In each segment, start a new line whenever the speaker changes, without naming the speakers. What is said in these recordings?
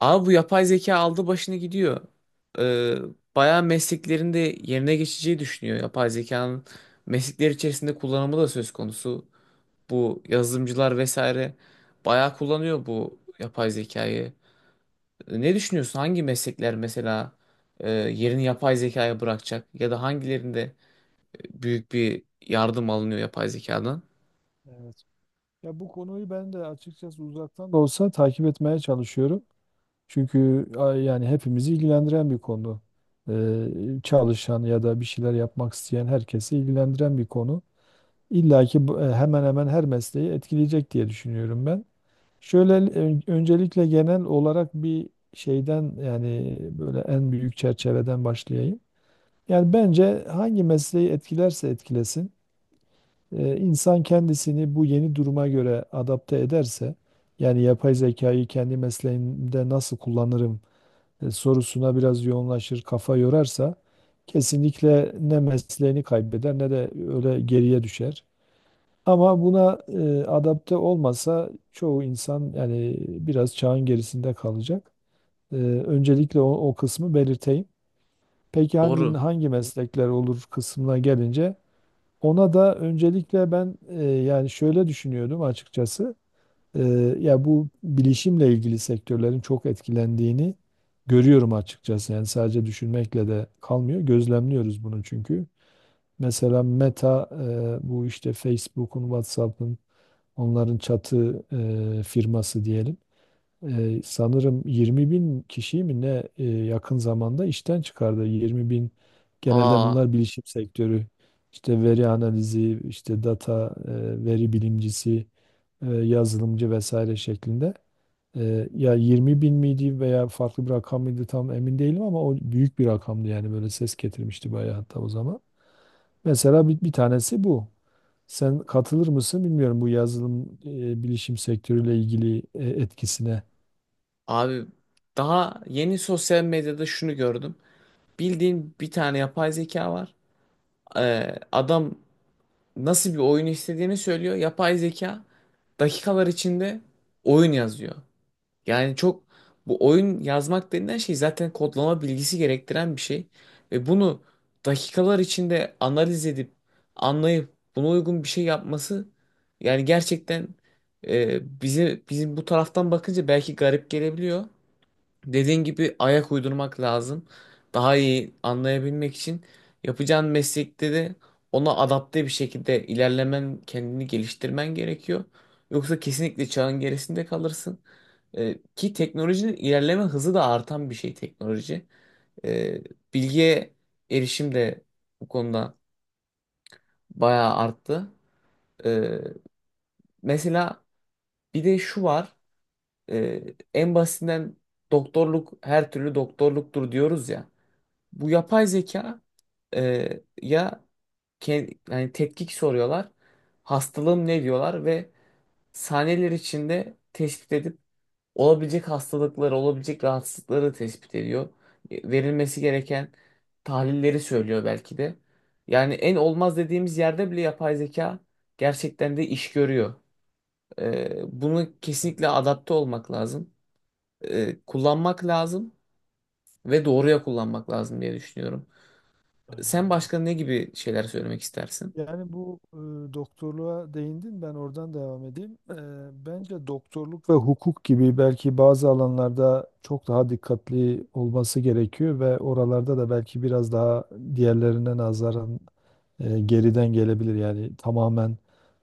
Abi bu yapay zeka aldı başını gidiyor. Ee, Bayağı mesleklerin de yerine geçeceği düşünüyor. Yapay zekanın meslekler içerisinde kullanımı da söz konusu. Bu yazılımcılar vesaire bayağı kullanıyor bu yapay zekayı. Ne düşünüyorsun? Hangi meslekler mesela yerini yapay zekaya bırakacak? Ya da hangilerinde büyük bir yardım alınıyor yapay zekadan?
Evet. Ya bu konuyu ben de açıkçası uzaktan da olsa takip etmeye çalışıyorum. Çünkü yani hepimizi ilgilendiren bir konu. Ee, çalışan ya da bir şeyler yapmak isteyen herkesi ilgilendiren bir konu. İlla ki hemen hemen her mesleği etkileyecek diye düşünüyorum ben. Şöyle öncelikle genel olarak bir şeyden yani böyle en büyük çerçeveden başlayayım. Yani bence hangi mesleği etkilerse etkilesin insan kendisini bu yeni duruma göre adapte ederse, yani yapay zekayı kendi mesleğimde nasıl kullanırım sorusuna biraz yoğunlaşır, kafa yorarsa kesinlikle ne mesleğini kaybeder ne de öyle geriye düşer. Ama buna adapte olmasa çoğu insan yani biraz çağın gerisinde kalacak. E, öncelikle o kısmı belirteyim. Peki hangi
Doğru.
hangi meslekler olur kısmına gelince ona da öncelikle ben yani şöyle düşünüyordum açıkçası. E, ya bu bilişimle ilgili sektörlerin çok etkilendiğini görüyorum açıkçası. Yani sadece düşünmekle de kalmıyor. Gözlemliyoruz bunu çünkü. Mesela Meta bu işte Facebook'un, WhatsApp'ın onların çatı firması diyelim, sanırım 20 bin kişiyi mi ne yakın zamanda işten çıkardı. 20 bin, genelde
Aa,
bunlar bilişim sektörü. İşte veri analizi, işte data, veri bilimcisi, yazılımcı vesaire şeklinde. Ya 20 bin miydi veya farklı bir rakam mıydı tam emin değilim ama o büyük bir rakamdı yani böyle ses getirmişti bayağı hatta o zaman. Mesela bir, bir tanesi bu. Sen katılır mısın bilmiyorum bu yazılım, bilişim sektörüyle ilgili etkisine.
Abi daha yeni sosyal medyada şunu gördüm. Bildiğin bir tane yapay zeka var. Adam nasıl bir oyun istediğini söylüyor. Yapay zeka dakikalar içinde oyun yazıyor. Yani çok, bu oyun yazmak denilen şey zaten kodlama bilgisi gerektiren bir şey. Ve bunu dakikalar içinde analiz edip anlayıp buna uygun bir şey yapması, yani gerçekten bize, bizim taraftan bakınca belki garip gelebiliyor. Dediğin gibi ayak uydurmak lazım. Daha iyi anlayabilmek için yapacağın meslekte de ona adapte bir şekilde ilerlemen, kendini geliştirmen gerekiyor. Yoksa kesinlikle çağın gerisinde kalırsın. Ki teknolojinin ilerleme hızı da artan bir şey teknoloji. Ee, Bilgiye erişim de bu konuda bayağı arttı. Ee, Mesela, bir de şu var. Ee, En basitinden doktorluk, her türlü doktorluktur diyoruz ya. Bu yapay zeka, ya yani tetkik soruyorlar. Hastalığım ne diyorlar ve saniyeler içinde tespit edip olabilecek hastalıkları, olabilecek rahatsızlıkları tespit ediyor. Verilmesi gereken tahlilleri söylüyor belki de. Yani en olmaz dediğimiz yerde bile yapay zeka gerçekten de iş görüyor. Bunu kesinlikle adapte olmak lazım. Kullanmak lazım ve doğruya kullanmak lazım diye düşünüyorum.
Aynen
Sen
evet.
başka ne gibi şeyler söylemek istersin?
Yani bu, doktorluğa değindin, ben oradan devam edeyim. Bence doktorluk ve hukuk gibi belki bazı alanlarda çok daha dikkatli olması gerekiyor ve oralarda da belki biraz daha diğerlerine nazaran geriden gelebilir. Yani tamamen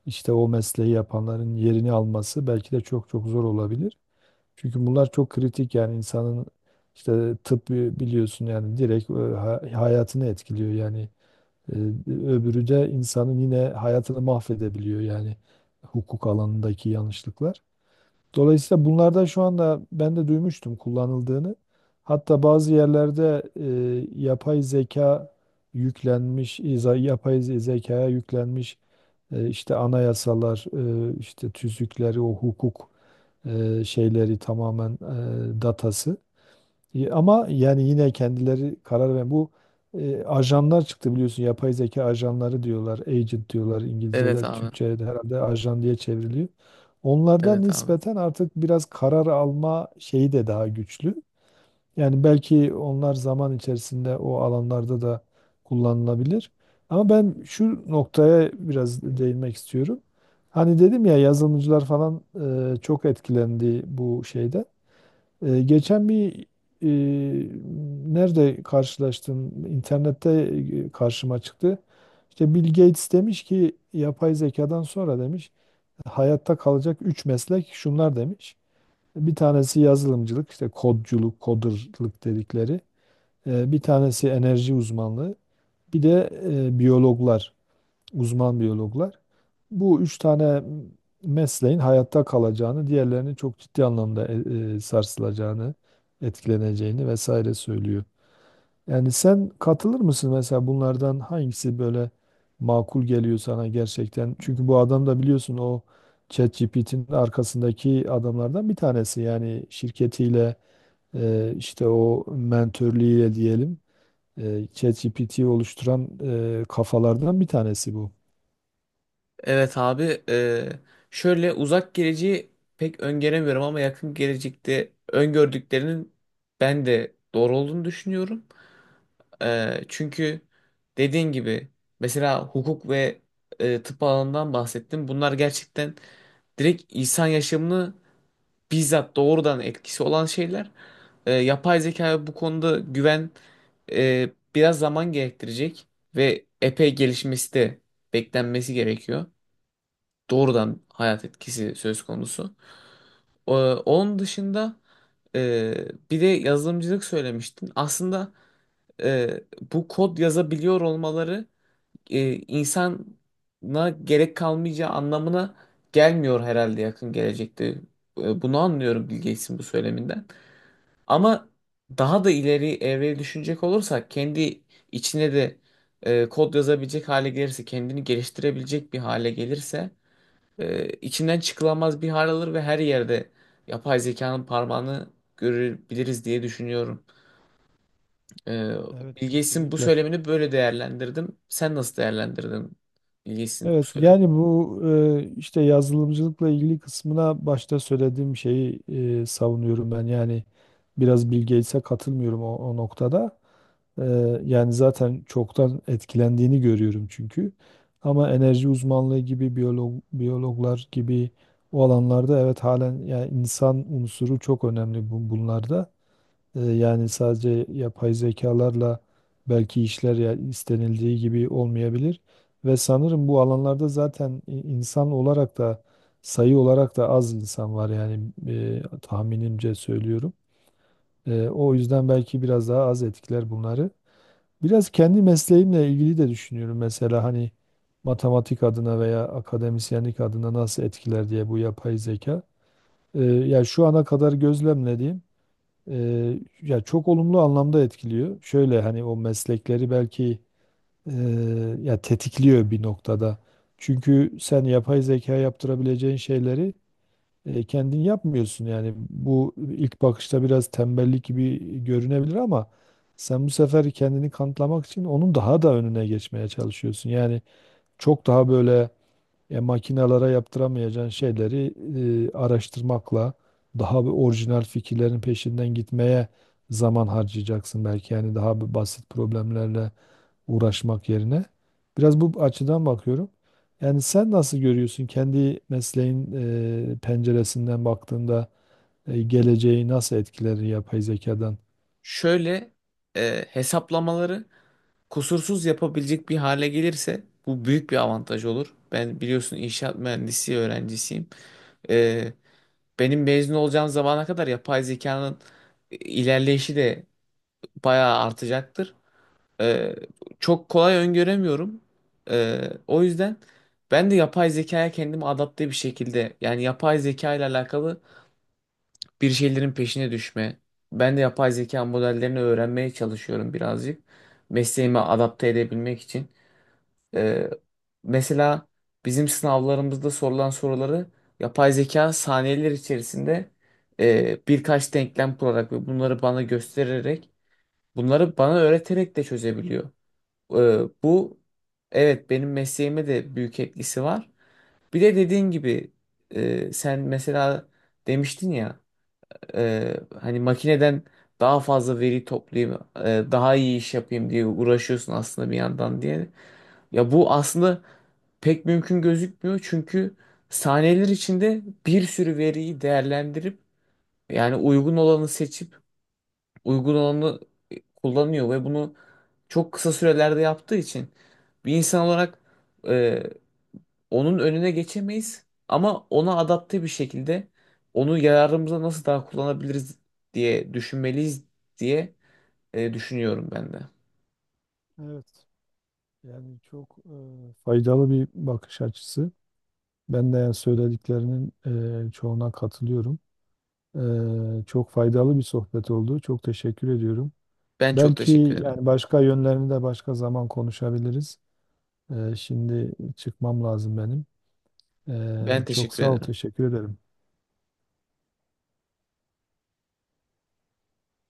işte o mesleği yapanların yerini alması belki de çok zor olabilir. Çünkü bunlar çok kritik yani insanın işte tıp biliyorsun yani direkt hayatını etkiliyor yani. Ee, Öbürü de insanın yine hayatını mahvedebiliyor yani hukuk alanındaki yanlışlıklar. Dolayısıyla bunlardan şu anda ben de duymuştum kullanıldığını. Hatta bazı yerlerde yapay zeka yüklenmiş, zekaya yüklenmiş işte anayasalar, işte tüzükleri, o hukuk şeyleri tamamen datası. Ama yani yine kendileri karar ve bu ajanlar çıktı biliyorsun, yapay zeka ajanları diyorlar, agent diyorlar
Evet
İngilizce'de,
abi.
Türkçe'de herhalde ajan diye çevriliyor. Onlardan
Evet abi.
nispeten artık biraz karar alma şeyi de daha güçlü. Yani belki onlar zaman içerisinde o alanlarda da kullanılabilir. Ama ben şu noktaya biraz değinmek istiyorum. Hani dedim ya yazılımcılar falan çok etkilendi bu şeyden. Geçen bir, e, nerede karşılaştım? İnternette karşıma çıktı. İşte Bill Gates demiş ki yapay zekadan sonra demiş, hayatta kalacak 3 meslek şunlar demiş. Bir tanesi yazılımcılık, işte kodculuk, coderlık dedikleri. Bir tanesi enerji uzmanlığı, bir de biyologlar, uzman biyologlar. Bu üç tane mesleğin hayatta kalacağını, diğerlerinin çok ciddi anlamda sarsılacağını, etkileneceğini vesaire söylüyor. Yani sen katılır mısın mesela bunlardan hangisi böyle makul geliyor sana gerçekten? Çünkü bu adam da biliyorsun o ChatGPT'nin arkasındaki adamlardan bir tanesi. Yani şirketiyle, işte o mentörlüğüyle diyelim, ChatGPT'yi oluşturan kafalardan bir tanesi bu.
Evet abi. Şöyle, uzak geleceği pek öngöremiyorum ama yakın gelecekte öngördüklerinin ben de doğru olduğunu düşünüyorum. Çünkü dediğin gibi, mesela hukuk ve tıp alanından bahsettim. Bunlar gerçekten direkt insan yaşamını bizzat doğrudan etkisi olan şeyler. Yapay zeka bu konuda güven, biraz zaman gerektirecek ve epey gelişmesi de beklenmesi gerekiyor. Doğrudan hayat etkisi söz konusu. Onun dışında, e, bir de yazılımcılık söylemiştin. Aslında, e, bu kod yazabiliyor olmaları insana gerek kalmayacağı anlamına gelmiyor herhalde yakın gelecekte. Bunu anlıyorum Bill Gates'in bu söyleminden. Ama daha da ileri evreye düşünecek olursak, kendi içine de kod yazabilecek hale gelirse, kendini geliştirebilecek bir hale gelirse içinden çıkılamaz bir hal alır ve her yerde yapay zekanın parmağını görebiliriz diye düşünüyorum. E,
Evet
Bill Gates'in bu
kesinlikle.
söylemini böyle değerlendirdim. Sen nasıl değerlendirdin Bill Gates'in bu
Evet
söylemini?
yani bu, işte yazılımcılıkla ilgili kısmına başta söylediğim şeyi savunuyorum ben. Yani biraz Bill Gates'e katılmıyorum o noktada. Yani zaten çoktan etkilendiğini görüyorum çünkü. Ama enerji uzmanlığı gibi biyolog, biyologlar gibi o alanlarda evet halen yani insan unsuru çok önemli bunlarda. Yani sadece yapay zekalarla belki işler ya istenildiği gibi olmayabilir. Ve sanırım bu alanlarda zaten insan olarak da sayı olarak da az insan var yani tahminimce söylüyorum. O yüzden belki biraz daha az etkiler bunları. Biraz kendi mesleğimle ilgili de düşünüyorum mesela hani matematik adına veya akademisyenlik adına nasıl etkiler diye bu yapay zeka. Ya şu ana kadar gözlemlediğim ya çok olumlu anlamda etkiliyor. Şöyle hani o meslekleri belki e, ya tetikliyor bir noktada. Çünkü sen yapay zeka yaptırabileceğin şeyleri kendin yapmıyorsun yani bu ilk bakışta biraz tembellik gibi görünebilir ama sen bu sefer kendini kanıtlamak için onun daha da önüne geçmeye çalışıyorsun. Yani çok daha böyle makinalara yaptıramayacağın şeyleri araştırmakla daha bir orijinal fikirlerin peşinden gitmeye zaman harcayacaksın belki yani daha bir basit problemlerle uğraşmak yerine. Biraz bu açıdan bakıyorum. Yani sen nasıl görüyorsun kendi mesleğin penceresinden baktığında geleceği nasıl etkiler yapay zekadan?
Şöyle, hesaplamaları kusursuz yapabilecek bir hale gelirse bu büyük bir avantaj olur. Ben biliyorsun inşaat mühendisi öğrencisiyim. Ee, Benim mezun olacağım zamana kadar yapay zekanın ilerleyişi de bayağı artacaktır. Ee, Çok kolay öngöremiyorum. O yüzden ben de yapay zekaya kendimi adapte bir şekilde, yani yapay zeka ile alakalı bir şeylerin peşine düşme. Ben de yapay zeka modellerini öğrenmeye çalışıyorum birazcık. Mesleğime adapte edebilmek için. Ee, Mesela bizim sınavlarımızda sorulan soruları yapay zeka saniyeler içerisinde birkaç denklem kurarak ve bunları bana göstererek, bunları bana öğreterek de çözebiliyor. Ee, Bu, evet, benim mesleğime de büyük etkisi var. Bir de dediğin gibi, sen mesela demiştin ya, e, hani makineden daha fazla veri toplayayım, daha iyi iş yapayım diye uğraşıyorsun aslında bir yandan diye. Ya bu aslında pek mümkün gözükmüyor çünkü saniyeler içinde bir sürü veriyi değerlendirip, yani uygun olanı seçip, uygun olanı kullanıyor ve bunu çok kısa sürelerde yaptığı için bir insan olarak e, onun önüne geçemeyiz, ama ona adapte bir şekilde onu yararımıza nasıl daha kullanabiliriz diye düşünmeliyiz diye düşünüyorum ben de.
Evet. Yani çok faydalı bir bakış açısı. Ben de yani söylediklerinin çoğuna katılıyorum. Çok faydalı bir sohbet oldu. Çok teşekkür ediyorum.
Ben çok
Belki
teşekkür ederim.
yani başka yönlerini de başka zaman konuşabiliriz. Şimdi çıkmam lazım benim.
Ben
Çok
teşekkür
sağ ol,
ederim.
teşekkür ederim.